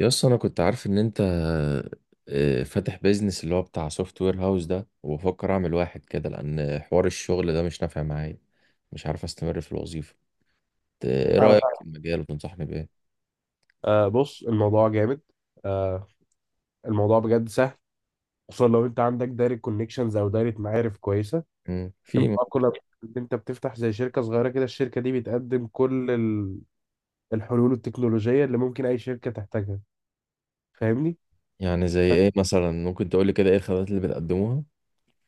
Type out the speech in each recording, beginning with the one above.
يا اسطى انا كنت عارف ان انت فاتح بيزنس اللي هو بتاع سوفت وير هاوس ده، وبفكر اعمل واحد كده لان حوار الشغل ده مش نافع معايا، مش عارف استمر في الوظيفه. ايه أعرف. رايك في المجال وتنصحني بايه؟ آه، بص الموضوع جامد. آه. الموضوع بجد سهل، خصوصا لو أنت عندك دايرة كونكشنز أو دايرة معارف كويسة. مم. الموضوع كله إن أنت بتفتح زي شركة صغيرة كده، الشركة دي بتقدم كل الحلول التكنولوجية اللي ممكن أي شركة تحتاجها. فاهمني؟ يعني زي ايه مثلا؟ ممكن تقول لي كده ايه الخدمات اللي بتقدموها؟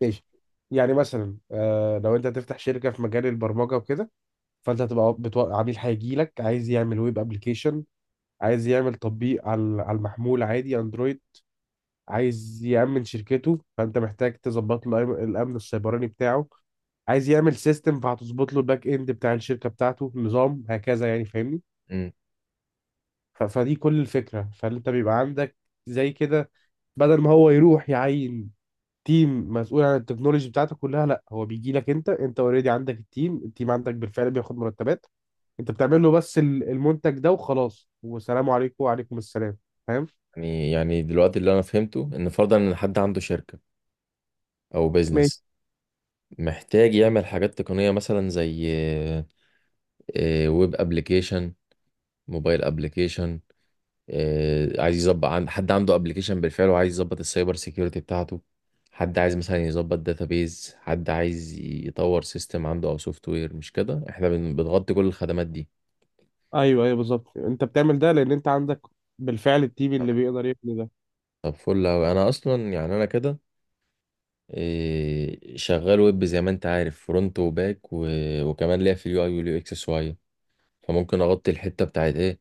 ماشي. يعني مثلا، لو أنت هتفتح شركة في مجال البرمجة وكده، فأنت هتبقى عميل هيجي لك عايز يعمل ويب أبلكيشن، عايز يعمل تطبيق على المحمول، عادي اندرويد. عايز يأمن شركته، فأنت محتاج تظبط له الأمن السيبراني بتاعه. عايز يعمل سيستم، فهتظبط له الباك إند بتاع الشركة بتاعته، نظام هكذا، يعني فاهمني. مم. فدي كل الفكرة. فأنت بيبقى عندك زي كده، بدل ما هو يروح يعين تيم مسؤول عن التكنولوجي بتاعته كلها، لا، هو بيجي لك. انت اوريدي عندك التيم عندك بالفعل بياخد مرتبات. انت بتعمل له بس المنتج ده وخلاص، وسلام عليكم وعليكم السلام، فاهم؟ يعني دلوقتي اللي انا فهمته ان فرضا ان حد عنده شركه او بيزنس، محتاج يعمل حاجات تقنيه مثلا زي ويب ابلكيشن، موبايل ابلكيشن، عايز يظبط عند حد عنده ابلكيشن بالفعل وعايز يظبط السايبر سيكيورتي بتاعته، حد عايز مثلا يظبط داتابيز، حد عايز يطور سيستم عنده او سوفت وير. مش كده احنا بنغطي كل الخدمات دي؟ ايوه، ايوه، بالظبط. انت بتعمل ده لان انت عندك بالفعل التيم اللي بيقدر يبني ده. طب فل أوي. أنا أصلا يعني أنا كده شغال ويب زي ما أنت عارف، فرونت وباك وكمان ليا في اليو أي واليو إكس شوية، فممكن أغطي الحتة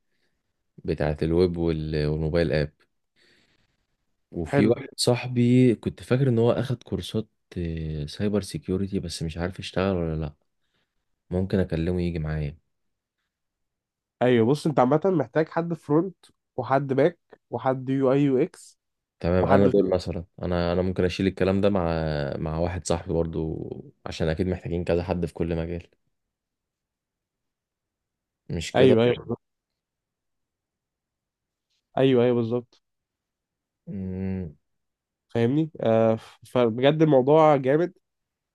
بتاعت الويب والموبايل آب. وفي حلو. واحد صاحبي كنت فاكر ان هو اخد كورسات سايبر سيكيورتي، بس مش عارف يشتغل ولا لا. ممكن اكلمه يجي معايا. ايوه، بص، انت عامه محتاج حد فرونت، وحد باك، وحد يو اي يو اكس، تمام، انا وحد... دول مثلا انا ممكن اشيل الكلام ده مع مع واحد صاحبي برضو، عشان اكيد محتاجين كذا حد في كل مجال، مش كده؟ ايوه، ايوه، بالظبط. ايوه، ايوه، بالظبط. مم، فاهمني. فبجد الموضوع جامد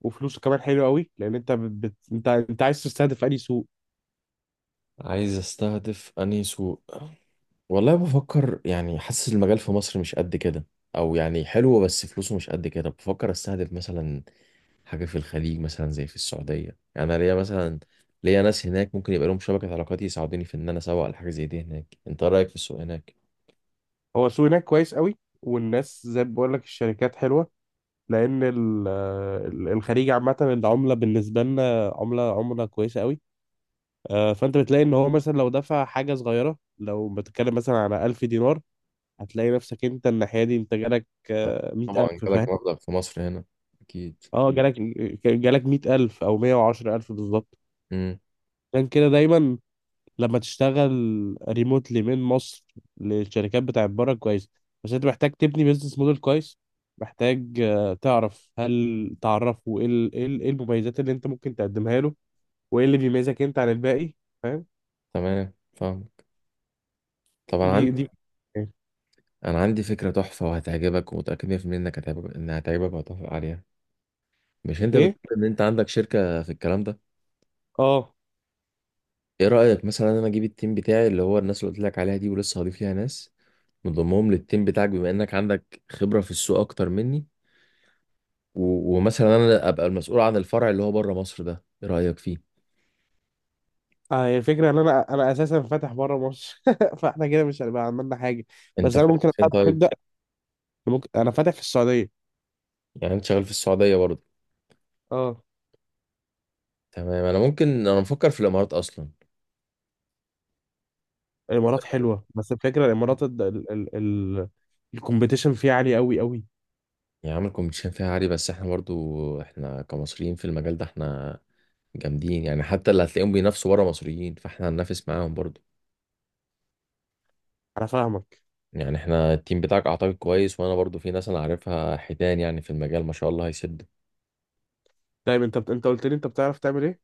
وفلوسه كمان حلو قوي. لان انت بت... بت- انت انت عايز تستهدف اي سوق؟ عايز استهدف انهي سوق؟ والله بفكر، يعني حاسس المجال في مصر مش قد كده، او يعني حلو بس فلوسه مش قد كده. بفكر استهدف مثلا حاجة في الخليج، مثلا زي في السعودية. يعني أنا ليا مثلا، ليا ناس هناك ممكن يبقى لهم شبكة علاقات يساعدوني في إن أنا أسوق لحاجة زي دي هناك. أنت رأيك في السوق هناك؟ هو السوق هناك كويس قوي، والناس زي ما بقول لك الشركات حلوه. لان الخليج عامه العمله بالنسبه لنا عمله كويسه قوي. فانت بتلاقي ان هو مثلا لو دفع حاجه صغيره، لو بتتكلم مثلا على 1000 دينار، هتلاقي نفسك انت الناحيه دي انت جالك طبعا 100,000. فاهم؟ جالك مبلغ في مصر هنا، أكيد. اه، جالك 100,000 او 110,000 بالظبط. امم، عشان كده دايما لما تشتغل ريموتلي من مصر للشركات بتاعت بره كويس. بس انت محتاج تبني بيزنس موديل كويس، محتاج تعرف، هل تعرفه، إيه المميزات اللي انت ممكن تقدمها له وايه اللي بيميزك انت عن الباقي. فاهم؟ تمام فاهمك. طب أنا دي عندي دي أنا عندي فكرة تحفة وهتعجبك، ومتأكد 100% إنك هتعجبك، إنها هتعجبك وهتوافق عليها. مش أنت ايه؟ بتقول إن أنت عندك شركة في الكلام ده؟ اه، إيه رأيك مثلا أنا أجيب التيم بتاعي، اللي هو الناس اللي قلت لك عليها دي، ولسه هضيف ليها ناس، نضمهم للتيم بتاعك، بما إنك عندك خبرة في السوق أكتر مني، ومثلا انا ابقى المسؤول عن الفرع اللي هو بره مصر ده. ايه رايك فيه؟ اه، هي الفكرة ان انا اساسا فاتح بره مصر. فاحنا كده مش هنبقى عملنا حاجة. انت بس انا فين ممكن فين طيب؟ نبدأ. ممكن انا فاتح في السعودية. يعني انت شغال في السعوديه برضه؟ اه. تمام، انا ممكن، انا مفكر في الامارات اصلا. الامارات حلوة، بس الفكرة الامارات ال الكومبيتيشن فيها عالي قوي قوي. يعني عامل كومبيتيشن فيها عالي، بس احنا برضه، احنا كمصريين في المجال ده احنا جامدين يعني. حتى اللي هتلاقيهم بينافسوا بره مصريين، فاحنا هننافس معاهم برضه. انا فاهمك. يعني احنا التيم بتاعك اعتقد كويس، وانا برضه في ناس انا عارفها حيتان يعني في المجال، ما شاء الله، هيسد. دايما انت قلت لي انت بتعرف تعمل ايه؟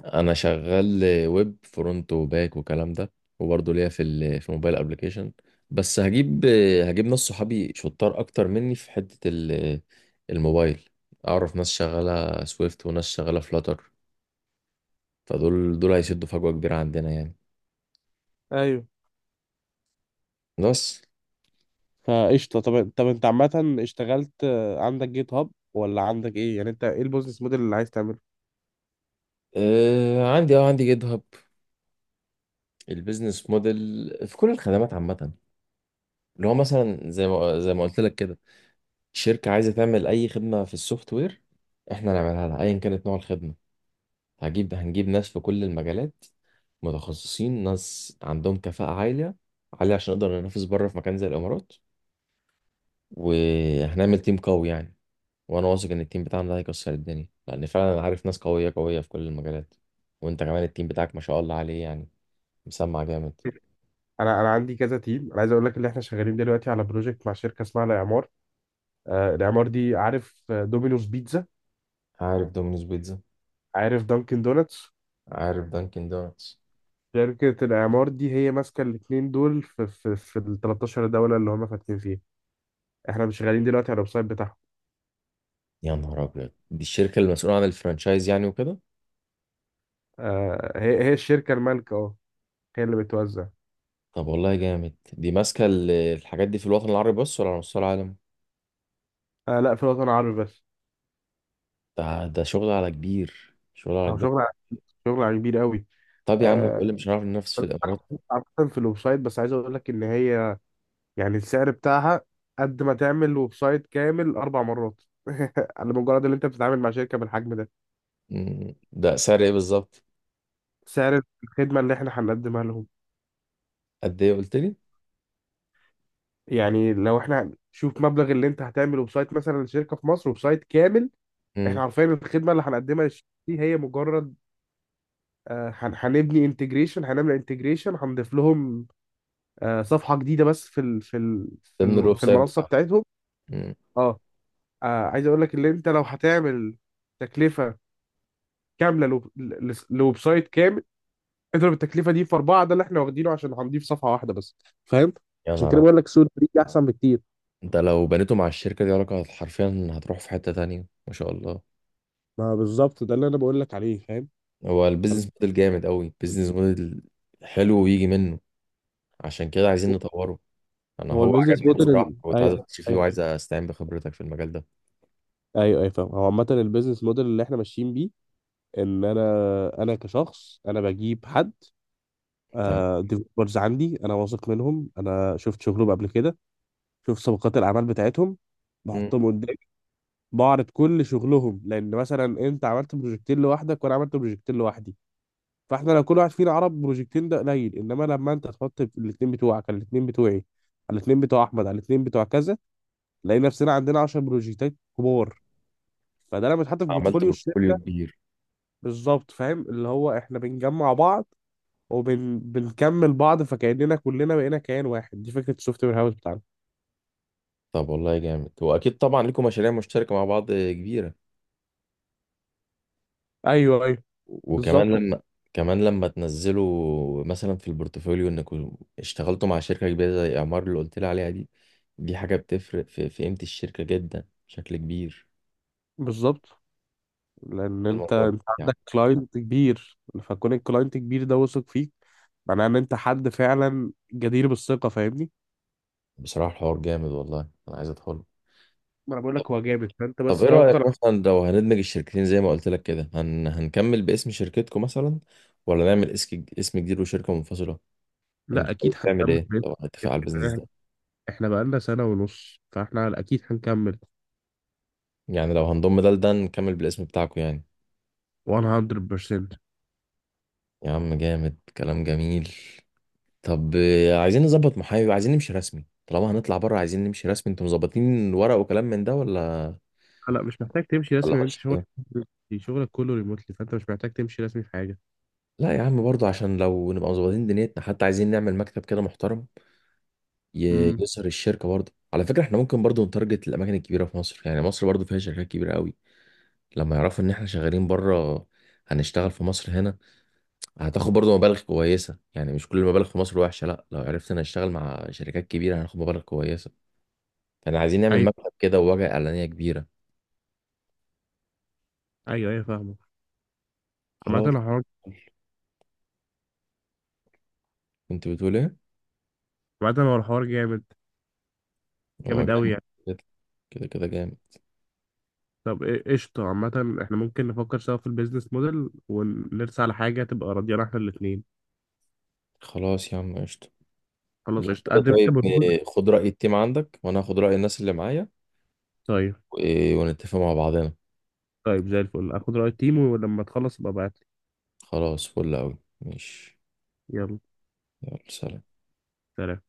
انا شغال ويب، فرونت وباك وكلام ده، وبرضه ليا في موبايل ابلكيشن. بس هجيب ناس صحابي شطار اكتر مني في حتة الموبايل. اعرف ناس شغالة سويفت وناس شغالة فلاتر، فدول هيسدوا فجوة كبيرة عندنا يعني. ايوه. بس فقشطة. طب، طب، انت عامة اشتغلت، عندك جيت هاب ولا عندك ايه؟ يعني انت ايه البيزنس موديل اللي عايز تعمله؟ عندي جيت هاب. البيزنس موديل في كل الخدمات عامة، اللي هو مثلا زي ما قلت لك كده، شركة عايزة تعمل أي خدمة في السوفت وير، احنا نعملها لها أيا كانت نوع الخدمة. هجيب، هنجيب ناس في كل المجالات، متخصصين، ناس عندهم كفاءة عالية عالية عشان نقدر ننافس بره في مكان زي الإمارات، وهنعمل تيم قوي يعني. وأنا واثق إن التيم بتاعنا ده هيكسر الدنيا، لأن فعلا أنا عارف ناس قوية قوية في كل المجالات. وأنت كمان التيم بتاعك ما شاء الله عليه يعني، مسمع جامد. انا عندي كذا تيم. انا عايز اقول لك ان احنا شغالين دلوقتي على بروجكت مع شركة اسمها الاعمار. الاعمار دي، عارف دومينوز بيتزا؟ عارف دومينوز بيتزا. عارف دانكن دونتس؟ عارف دانكن دونتس. شركة الإعمار دي هي ماسكة الاتنين دول في ال 13 دولة اللي هم فاتحين فيها. احنا مش شغالين دلوقتي على الويب سايت بتاعهم. يا نهار أبيض، دي الشركة المسؤولة عن الفرانشايز يعني وكده؟ هي الشركة المالكة، اه، هي اللي بتوزع. طب والله جامد. دي ماسكة الحاجات دي في الوطن العربي بس ولا على مستوى العالم؟ آه، لا، في الوطن العربي بس. ده شغل على كبير، شغل على هو كبير. شغل كبير قوي. طب يا عم، آه وتقول لي مش هنعرف ننافس في الامارات؟ عامة في الويب سايت، بس عايز اقول لك ان هي يعني السعر بتاعها قد ما تعمل ويب سايت كامل اربع مرات. على مجرد ان انت بتتعامل مع شركة بالحجم ده. مم. ده سعر ايه بالظبط؟ سعر الخدمة اللي احنا هنقدمها. قد ايه قلت لي؟ يعني لو احنا، شوف مبلغ اللي انت هتعمله بسايت مثلا لشركه في مصر وبسايت كامل. مم. احنا عارفين الخدمه اللي هنقدمها للشركه دي هي مجرد هنبني انتجريشن هنعمل انتجريشن، هنضيف لهم صفحه جديده بس في ال في ال في ضمن ال الويب في سايت المنصه بتاعهم؟ بتاعتهم. مم. اه. عايز اقول لك ان انت لو هتعمل تكلفه كامله لويب سايت كامل، اضرب التكلفه دي في اربعه، ده اللي احنا واخدينه عشان هنضيف صفحه واحده بس، فاهم؟ يا عشان نهار كده أبيض. بقول لك سوق الفريق احسن بكتير. انت لو بنيته مع الشركه دي علاقه، حرفيا هتروح في حته تانية ما شاء الله. ما بالظبط، ده اللي انا بقول لك عليه، فاهم؟ هو البيزنس موديل جامد قوي. بيزنس موديل حلو ويجي منه، عشان كده عايزين نطوره. انا هو هو البيزنس عجبني موديل بصراحه، كنت عايز ايوه. اخش فيه، ايوه. وعايز استعين بخبرتك في المجال ده. ايوه، ايوه، فاهم. هو عامة البيزنس موديل اللي احنا ماشيين بيه ان انا كشخص انا بجيب حد، تمام. ديفلوبرز عندي، انا واثق منهم، انا شفت شغلهم قبل كده. شفت سابقات الاعمال بتاعتهم، مم. بحطهم قدامي، بعرض كل شغلهم. لان مثلا انت عملت بروجكتين لوحدك وانا عملت بروجكتين لوحدي، فاحنا لو كل واحد فينا عرض بروجكتين ده قليل، انما لما انت تحط الاثنين بتوعك على الاثنين بتوعي، على الاثنين بتوع احمد، على الاثنين بتوع كذا، نلاقي نفسنا عندنا 10 بروجكتات كبار. فده لما يتحط في عملت بورتفوليو الشركه. بورتفوليو كبير. بالظبط، فاهم؟ اللي هو احنا بنجمع بعض وبنكمل بعض، فكاننا كلنا بقينا كيان واحد. دي فكره السوفت وير هاوس بتاعنا. طب والله جامد. واكيد طبعا لكم مشاريع مشتركه مع بعض كبيره. ايوه، ايوه، بالظبط، وكمان لما، كمان لما تنزلوا مثلا في البورتفوليو انكم اشتغلتوا مع شركه كبيره زي اعمار اللي قلت لي عليها دي، دي حاجه بتفرق في قيمه الشركه جدا بشكل كبير. بالظبط. لان انت الموضوع ده انت يعني عندك كلاينت كبير. فكون الكلاينت كبير ده واثق فيك، معناه ان انت حد فعلا جدير بالثقه، فاهمني. بصراحه الحوار جامد والله، انا عايز ادخله. ما انا بقول لك هو جامد، فانت طب بس ايه توكل. رايك مثلا لو هندمج الشركتين زي ما قلت لك كده، هنكمل باسم شركتكم مثلا، ولا نعمل اسم جديد وشركه منفصله؟ لا، انت حابب اكيد تعمل ايه؟ هنكمل. طبعا اتفق على البيزنس ده. احنا بقالنا سنه ونص، فاحنا اكيد هنكمل يعني لو هنضم ده لده نكمل بالاسم بتاعكم يعني. 100%. يا عم جامد، كلام جميل. طب عايزين نظبط محايو، عايزين نمشي رسمي. طالما هنطلع بره عايزين نمشي رسمي. انتوا مظبطين ورق وكلام من ده ولا لا، مش محتاج تمشي ولا رسمي لأن انت ماشي شغلك كده؟ شغلك كله ريموتلي، فانت مش محتاج تمشي رسمي في حاجه. لا يا عم برضه، عشان لو نبقى مظبطين دنيتنا، حتى عايزين نعمل مكتب كده محترم، امم. يسر الشركه برضه. على فكره احنا ممكن برضه نتارجت الاماكن الكبيره في مصر، يعني مصر برضه فيها شركات كبيره قوي. لما يعرفوا ان احنا شغالين بره، هنشتغل في مصر هنا، هتاخد برضو مبالغ كويسة يعني. مش كل المبالغ في مصر وحشة، لا، لو عرفت انا اشتغل مع شركات كبيرة هناخد مبالغ كويسة. فاحنا عايزين نعمل ايوه، مكتب كده وواجهة اعلانية كبيرة. ايوه، ايوه، فاهمه. عامه خلاص. الحوار. كنت بتقول ايه؟ عامه هو الحوار جامد. هو جامد قوي جامد. يعني. كده كده كده جامد. طب قشطه. عامه احنا ممكن نفكر سوا في البيزنس موديل ونرسى على حاجه تبقى راضيانا احنا الاثنين. خلاص يا عم قشطة. خلاص لا قشطه. كده قدم طيب، انت بروبوزل. خد رأي التيم عندك، وانا هاخد رأي الناس اللي معايا، طيب. ونتفق مع بعضنا. طيب، زي الفل، اخد راي التيم ولما تخلص ابقى ابعت لي. خلاص فل اوي، ماشي. يلا يلا سلام. سلام.